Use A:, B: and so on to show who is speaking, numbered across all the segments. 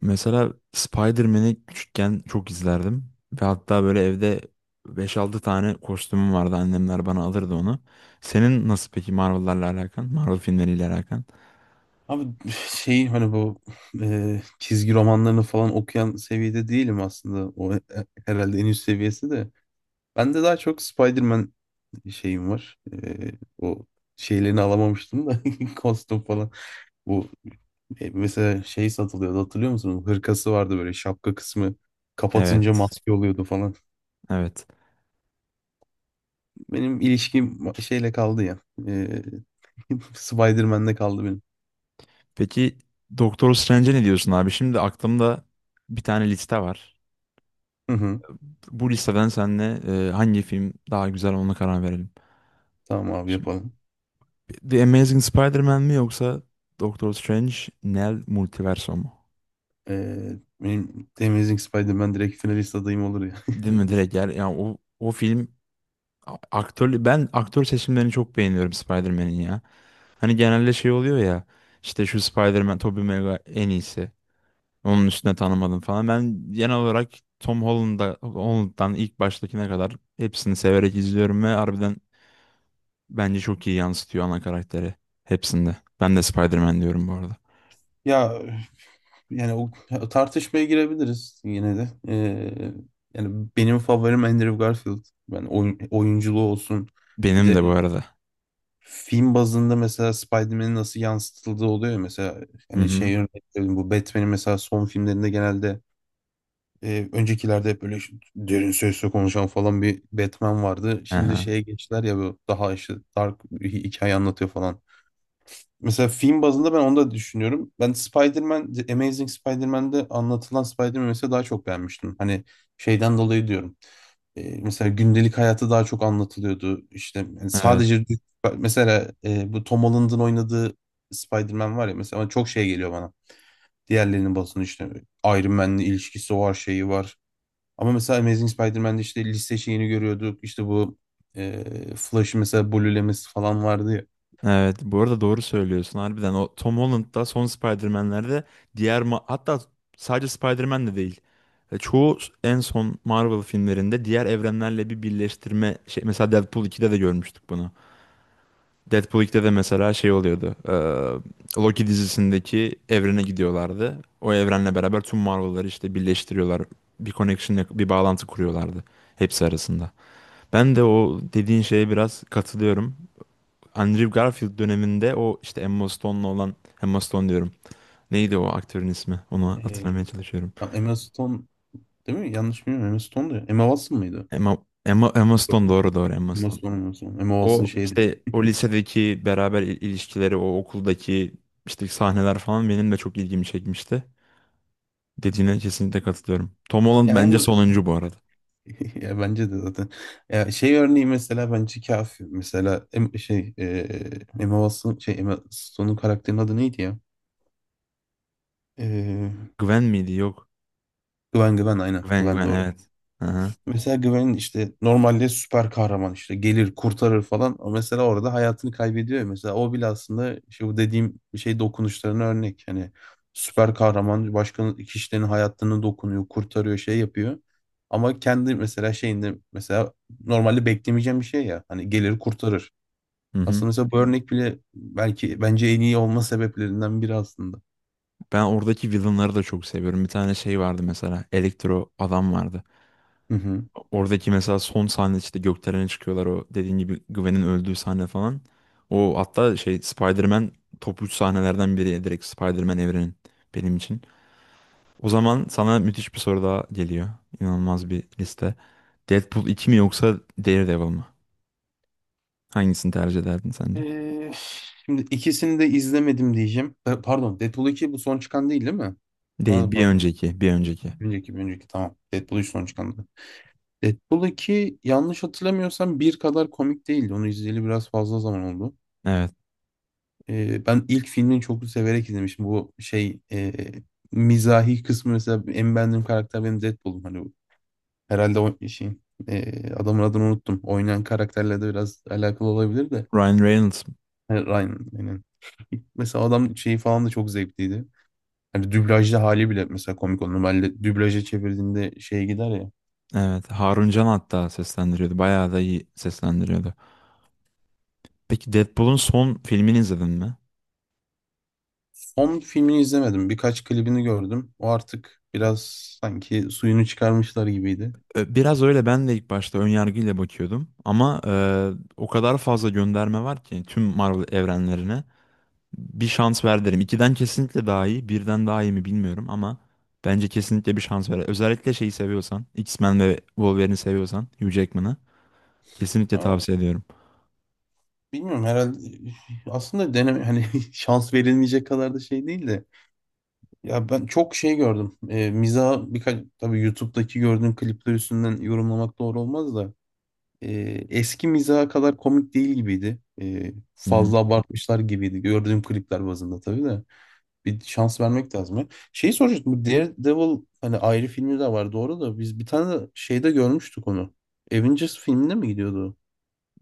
A: Mesela Spider-Man'i küçükken çok izlerdim. Ve hatta böyle evde beş altı tane kostümüm vardı. Annemler bana alırdı onu. Senin nasıl peki Marvel'larla alakan? Marvel filmleriyle alakan?
B: Abi şey hani bu e, çizgi romanlarını falan okuyan seviyede değilim aslında. O herhalde en üst seviyesi de. Ben de daha çok Spider-Man şeyim var. E, o şeylerini alamamıştım da kostüm falan. Bu mesela şey satılıyordu hatırlıyor musun? Hırkası vardı böyle şapka kısmı kapatınca
A: Evet,
B: maske oluyordu falan.
A: evet.
B: Benim ilişkim şeyle kaldı ya. E, Spider-Man'le kaldı benim.
A: Peki Doktor Strange'e ne diyorsun abi? Şimdi aklımda bir tane liste var.
B: Hı hı.
A: Bu listeden seninle hangi film daha güzel ona karar verelim.
B: Tamam abi
A: Şimdi,
B: yapalım.
A: The Amazing Spider-Man mi yoksa Doktor Strange Nel Multiverso mu?
B: Ee, benim Amazing Spider-Man direkt finalist adayım olur ya.
A: Değil mi direkt yani, yani o film. Aktör, ben aktör seçimlerini çok beğeniyorum Spider-Man'in ya. Hani genelde şey oluyor ya işte şu Spider-Man Tobey Maguire en iyisi. Onun üstüne tanımadım falan. Ben genel olarak Holland'dan ilk baştakine kadar hepsini severek izliyorum ve harbiden bence çok iyi yansıtıyor ana karakteri hepsinde. Ben de Spider-Man diyorum bu arada.
B: Ya yani o tartışmaya girebiliriz yine de. Yani benim favorim Andrew Garfield. Ben oyunculuğu olsun. Bir
A: Benim
B: de
A: de bu arada.
B: film bazında mesela Spider-Man'in nasıl yansıtıldığı oluyor ya. Mesela
A: Hı
B: hani
A: hı.
B: şey örnek vereyim, bu Batman'in mesela son filmlerinde genelde öncekilerde hep böyle derin sesle konuşan falan bir Batman vardı. Şimdi
A: Aha.
B: şeye geçtiler ya bu daha işte dark bir hikaye anlatıyor falan. Mesela film bazında ben onu da düşünüyorum. Ben Spider-Man, The Amazing Spider-Man'de anlatılan Spider-Man'i mesela daha çok beğenmiştim. Hani şeyden dolayı diyorum. Mesela gündelik hayatı daha çok anlatılıyordu. İşte yani
A: Evet.
B: sadece mesela bu Tom Holland'ın oynadığı Spider-Man var ya mesela ona çok şey geliyor bana. Diğerlerinin basını işte Iron Man'le ilişkisi var, şeyi var. Ama mesela Amazing Spider-Man'de işte liste şeyini görüyorduk. İşte bu Flash'ı mesela blue'lemesi falan vardı ya.
A: Evet, bu arada doğru söylüyorsun harbiden. O Tom Holland'da son Spider-Man'lerde diğer hatta sadece Spider-Man de değil. Çoğu en son Marvel filmlerinde diğer evrenlerle bir birleştirme şey, mesela Deadpool 2'de de görmüştük bunu. Deadpool 2'de de mesela şey oluyordu. Loki dizisindeki evrene gidiyorlardı. O evrenle beraber tüm Marvel'ları işte birleştiriyorlar. Bir connection, bir bağlantı kuruyorlardı hepsi arasında. Ben de o dediğin şeye biraz katılıyorum. Andrew Garfield döneminde o işte Emma Stone diyorum. Neydi o aktörün ismi? Onu
B: E,
A: hatırlamaya çalışıyorum.
B: Emma Stone değil mi? Yanlış bilmiyorum. Emma Stone'du ya. Emma Watson mıydı?
A: Emma, Emma
B: Yok,
A: Stone,
B: yok.
A: doğru doğru, Emma Stone.
B: Emma Stone. Emma Watson
A: O
B: şeydi.
A: işte o lisedeki beraber ilişkileri, o okuldaki işte sahneler falan benim de çok ilgimi çekmişti. Dediğine kesinlikle katılıyorum. Tom Holland
B: Ya en
A: bence
B: basit.
A: sonuncu bu arada.
B: Ya bence de zaten. Ya şey örneği mesela bence kafi. Mesela Emma Watson şey Emma Stone'un karakterinin adı neydi ya? E,
A: Gwen miydi? Yok.
B: Gwen aynen. Gwen
A: Gwen
B: doğru.
A: evet. Aha.
B: Mesela Gwen'in işte normalde süper kahraman işte gelir kurtarır falan. O mesela orada hayatını kaybediyor ya. Mesela o bile aslında işte bu dediğim şey dokunuşlarına örnek. Hani süper kahraman başka kişilerin hayatını dokunuyor, kurtarıyor, şey yapıyor. Ama kendi mesela şeyinde mesela normalde beklemeyeceğim bir şey ya. Hani gelir kurtarır.
A: Hı hı.
B: Aslında mesela bu örnek bile belki bence en iyi olma sebeplerinden biri aslında.
A: Ben oradaki villainları da çok seviyorum. Bir tane şey vardı mesela. Elektro adam vardı.
B: Hı hı.
A: Oradaki mesela son sahne, işte gökdelene çıkıyorlar, o dediğin gibi Gwen'in öldüğü sahne falan. O hatta şey Spider-Man, top 3 sahnelerden biri direkt Spider-Man evrenin benim için. O zaman sana müthiş bir soru daha geliyor. İnanılmaz bir liste. Deadpool 2 mi yoksa Daredevil mı? Hangisini tercih ederdin sence?
B: Şimdi ikisini de izlemedim diyeceğim. Pardon, Deadpool 2 bu son çıkan değil değil mi?
A: Değil,
B: Pardon pardon.
A: bir önceki.
B: Önceki, bir önceki, tamam. Deadpool 3 son çıkandı. Deadpool 2 yanlış hatırlamıyorsam bir kadar komik değildi. Onu izleyeli biraz fazla zaman oldu.
A: Evet.
B: Ben ilk filmini çok severek izlemiştim. Mizahi kısmı mesela en beğendiğim karakter benim Deadpool'um. Herhalde adamın adını unuttum. Oynayan karakterle de biraz alakalı olabilir de.
A: Ryan Reynolds.
B: Yani Ryan aynen. Mesela adam şeyi falan da çok zevkliydi. Hani dublajda hali bile mesela komik oldu. Normalde dublaja çevirdiğinde şey gider ya.
A: Evet. Harun Can hatta seslendiriyordu. Bayağı da iyi seslendiriyordu. Peki Deadpool'un son filmini izledin mi?
B: Onun filmini izlemedim. Birkaç klibini gördüm. O artık biraz sanki suyunu çıkarmışlar gibiydi.
A: Biraz öyle, ben de ilk başta ön yargıyla bakıyordum ama o kadar fazla gönderme var ki tüm Marvel evrenlerine, bir şans ver derim. İkiden kesinlikle daha iyi, birden daha iyi mi bilmiyorum ama bence kesinlikle bir şans ver. Özellikle şeyi seviyorsan, X-Men ve Wolverine'i seviyorsan, Hugh Jackman'ı kesinlikle
B: Ama
A: tavsiye ediyorum.
B: bilmiyorum herhalde aslında deneme hani şans verilmeyecek kadar da şey değil de ya ben çok şey gördüm. Miza birkaç tabii YouTube'daki gördüğüm klipler üstünden yorumlamak doğru olmaz da e, eski miza kadar komik değil gibiydi.
A: Hı hı.
B: Fazla abartmışlar gibiydi. Gördüğüm klipler bazında tabii de. Bir şans vermek lazım ya. Şeyi soracaktım. Bu Daredevil hani ayrı filmi de var doğru da biz bir tane de şeyde görmüştük onu. Avengers filminde mi gidiyordu o?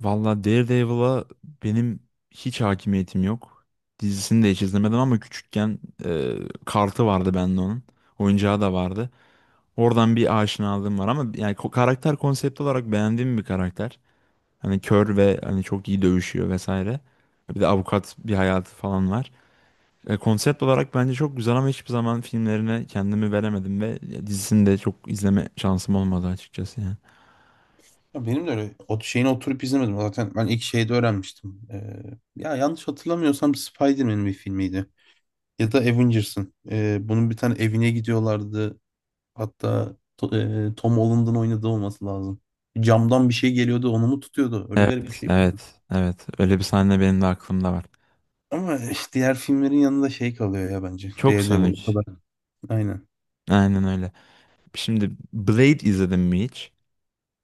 A: Valla Daredevil'a benim hiç hakimiyetim yok. Dizisini de hiç izlemedim ama küçükken e, kartı vardı bende onun. Oyuncağı da vardı. Oradan bir aşinalığım var ama yani karakter konsept olarak beğendiğim bir karakter. Hani kör ve hani çok iyi dövüşüyor vesaire. Bir de avukat bir hayatı falan var. Konsept olarak bence çok güzel ama hiçbir zaman filmlerine kendimi veremedim ve dizisini de çok izleme şansım olmadı açıkçası yani.
B: Ya benim de öyle o şeyini oturup izlemedim. Zaten ben ilk şeyde öğrenmiştim. Ya yanlış hatırlamıyorsam Spider-Man'in bir filmiydi. Ya da Avengers'ın. Bunun bir tane evine gidiyorlardı. Hatta Tom Holland'ın oynadığı olması lazım. Camdan bir şey geliyordu, onu mu tutuyordu? Öyle garip bir
A: Evet,
B: şey.
A: evet, evet. Öyle bir sahne benim de aklımda var.
B: Ama işte diğer filmlerin yanında şey kalıyor ya bence.
A: Çok
B: Daredevil o
A: Sonic.
B: kadar. Aynen.
A: Aynen öyle. Şimdi Blade izledin mi hiç?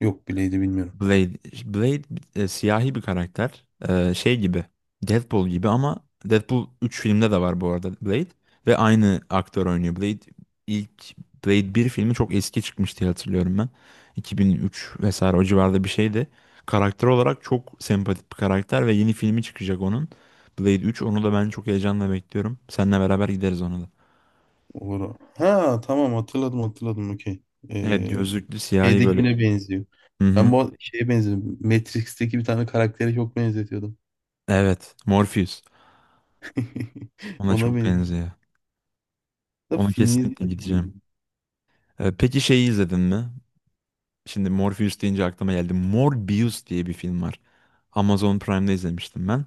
B: Yok bileydi bilmiyorum.
A: Blade, Blade siyahi bir karakter. Şey gibi. Deadpool gibi ama Deadpool üç filmde de var bu arada Blade. Ve aynı aktör oynuyor. İlk Blade bir filmi çok eski çıkmıştı diye hatırlıyorum ben. 2003 vesaire, o civarda bir şeydi. Karakter olarak çok sempatik bir karakter ve yeni filmi çıkacak onun. Blade 3, onu da ben çok heyecanla bekliyorum. Seninle beraber gideriz ona da.
B: Olur. Ha tamam, hatırladım, okey.
A: Evet,
B: Ee,
A: gözlüklü siyahi böyle.
B: şeydekine benziyor.
A: Hı
B: Ben
A: hı.
B: bu şeye benziyorum. Matrix'teki bir tane karaktere çok benzetiyordum.
A: Evet. Morpheus. Ona
B: Ona
A: çok
B: benziyor.
A: benziyor.
B: Da
A: Ona
B: filmi
A: kesinlikle
B: izledim.
A: gideceğim. Peki şeyi izledin mi? Şimdi Morpheus deyince aklıma geldi. Morbius diye bir film var. Amazon Prime'da izlemiştim ben.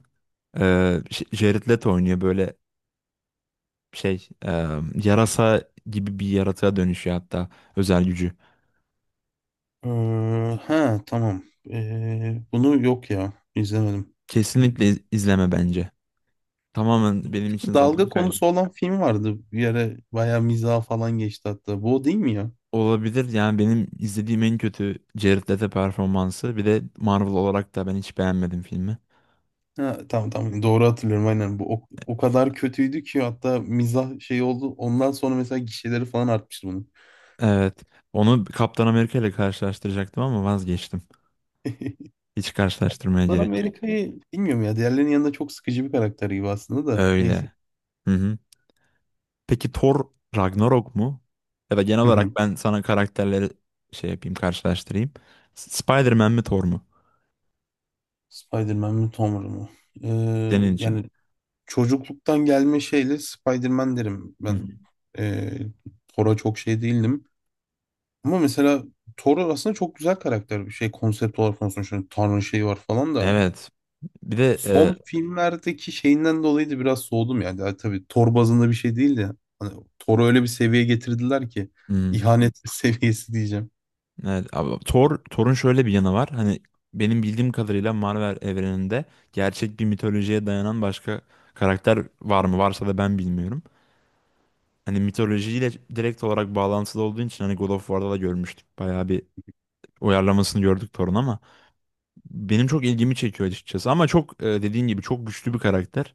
A: Jared Leto oynuyor böyle şey e, yarasa gibi bir yaratığa dönüşüyor, hatta özel gücü.
B: Ee, ha tamam. Bunu yok ya izlemedim.
A: Kesinlikle izleme bence. Tamamen benim için zaman
B: Dalga
A: kaybı.
B: konusu olan film vardı. Bir ara bayağı mizah falan geçti hatta. Bu o değil mi ya?
A: Olabilir, yani benim izlediğim en kötü Jared Leto performansı. Bir de Marvel olarak da ben hiç beğenmedim filmi.
B: Ha, tamam, doğru hatırlıyorum aynen, bu o, o kadar kötüydü ki hatta mizah şey oldu, ondan sonra mesela gişeleri falan artmıştı bunun.
A: Evet. Onu Kaptan Amerika ile karşılaştıracaktım ama vazgeçtim. Hiç karşılaştırmaya
B: Lan
A: gerek yok.
B: Amerika'yı bilmiyorum ya, diğerlerinin yanında çok sıkıcı bir karakter gibi aslında da neyse.
A: Öyle. Hı hı. Peki Thor Ragnarok mu? Ya da genel
B: Hı
A: olarak
B: hı.
A: ben sana karakterleri şey yapayım, karşılaştırayım. Spider-Man mi Thor mu?
B: Spider-Man mi Tom Holland mı?
A: Senin için.
B: Yani çocukluktan gelme şeyle Spider-Man derim
A: Hı
B: ben.
A: hı.
B: Ee, Thor'a çok şey değildim ama mesela Thor aslında çok güzel karakter bir şey, konsept olarak konuşuyorum. Tanrı şeyi var falan da.
A: Evet. Bir de
B: Son filmlerdeki şeyinden dolayı da biraz soğudum yani. Yani tabii Thor bazında bir şey değil de hani Thor'u öyle bir seviyeye getirdiler ki
A: hı.
B: ihanet seviyesi diyeceğim.
A: Evet. Abi, Thor, Thor'un şöyle bir yanı var. Hani benim bildiğim kadarıyla Marvel evreninde gerçek bir mitolojiye dayanan başka karakter var mı? Varsa da ben bilmiyorum. Hani mitolojiyle direkt olarak bağlantılı olduğu için, hani God of War'da da görmüştük. Bayağı bir uyarlamasını gördük Thor'un ama benim çok ilgimi çekiyor açıkçası. Ama çok dediğin gibi çok güçlü bir karakter.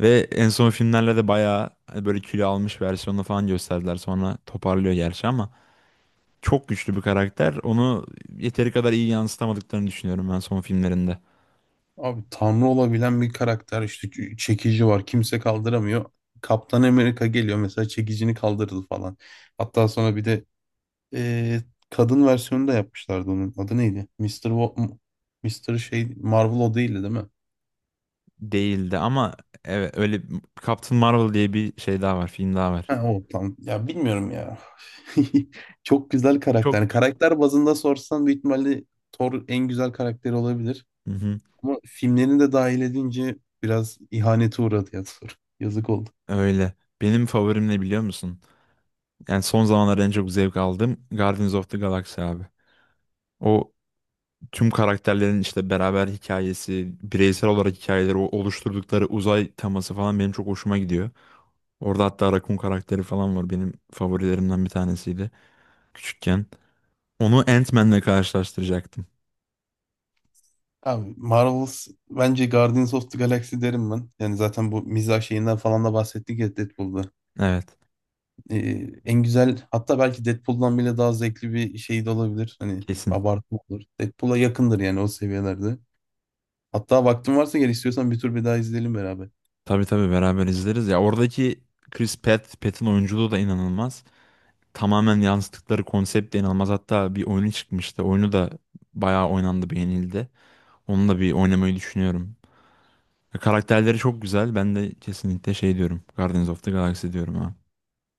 A: Ve en son filmlerle de bayağı hani böyle kilo almış versiyonunu falan gösterdiler. Sonra toparlıyor gerçi ama çok güçlü bir karakter. Onu yeteri kadar iyi yansıtamadıklarını düşünüyorum ben son filmlerinde.
B: Abi tanrı olabilen bir karakter, işte çekici var kimse kaldıramıyor. Kaptan Amerika geliyor mesela, çekicini kaldırdı falan. Hatta sonra bir de eee, kadın versiyonu da yapmışlardı onun. Adı neydi? Mr. şey Marvel o değildi değil mi?
A: Değildi ama evet öyle, Captain Marvel diye bir şey daha var, film daha var.
B: Ha, o tam. Ya bilmiyorum ya. Çok güzel karakter. Yani
A: Çok.
B: karakter bazında sorsan büyük ihtimalle Thor en güzel karakteri olabilir.
A: Hı hı,
B: Ama filmlerini de dahil edince biraz ihanete uğradı ya Thor. Yazık oldu.
A: öyle. Benim favorim ne biliyor musun? Yani son zamanlarda en çok zevk aldığım Guardians of the Galaxy abi. O, tüm karakterlerin işte beraber hikayesi, bireysel olarak hikayeleri, o oluşturdukları uzay teması falan benim çok hoşuma gidiyor. Orada hatta Raccoon karakteri falan var. Benim favorilerimden bir tanesiydi küçükken. Onu Ant-Man'le karşılaştıracaktım.
B: Abi Marvel's bence Guardians of the Galaxy derim ben. Yani zaten bu mizah şeyinden falan da bahsettik ya Deadpool'da.
A: Evet,
B: En güzel, hatta belki Deadpool'dan bile daha zevkli bir şey de olabilir. Hani
A: kesin.
B: abartma olur. Deadpool'a yakındır yani o seviyelerde. Hatta vaktin varsa, gel istiyorsan bir tur bir daha izleyelim beraber.
A: Tabii tabii beraber izleriz. Ya oradaki Pratt'in oyunculuğu da inanılmaz. Tamamen yansıttıkları konsept de inanılmaz. Hatta bir oyunu çıkmıştı. Oyunu da bayağı oynandı, beğenildi. Onunla bir oynamayı düşünüyorum. Karakterleri çok güzel. Ben de kesinlikle şey diyorum. Guardians of the Galaxy diyorum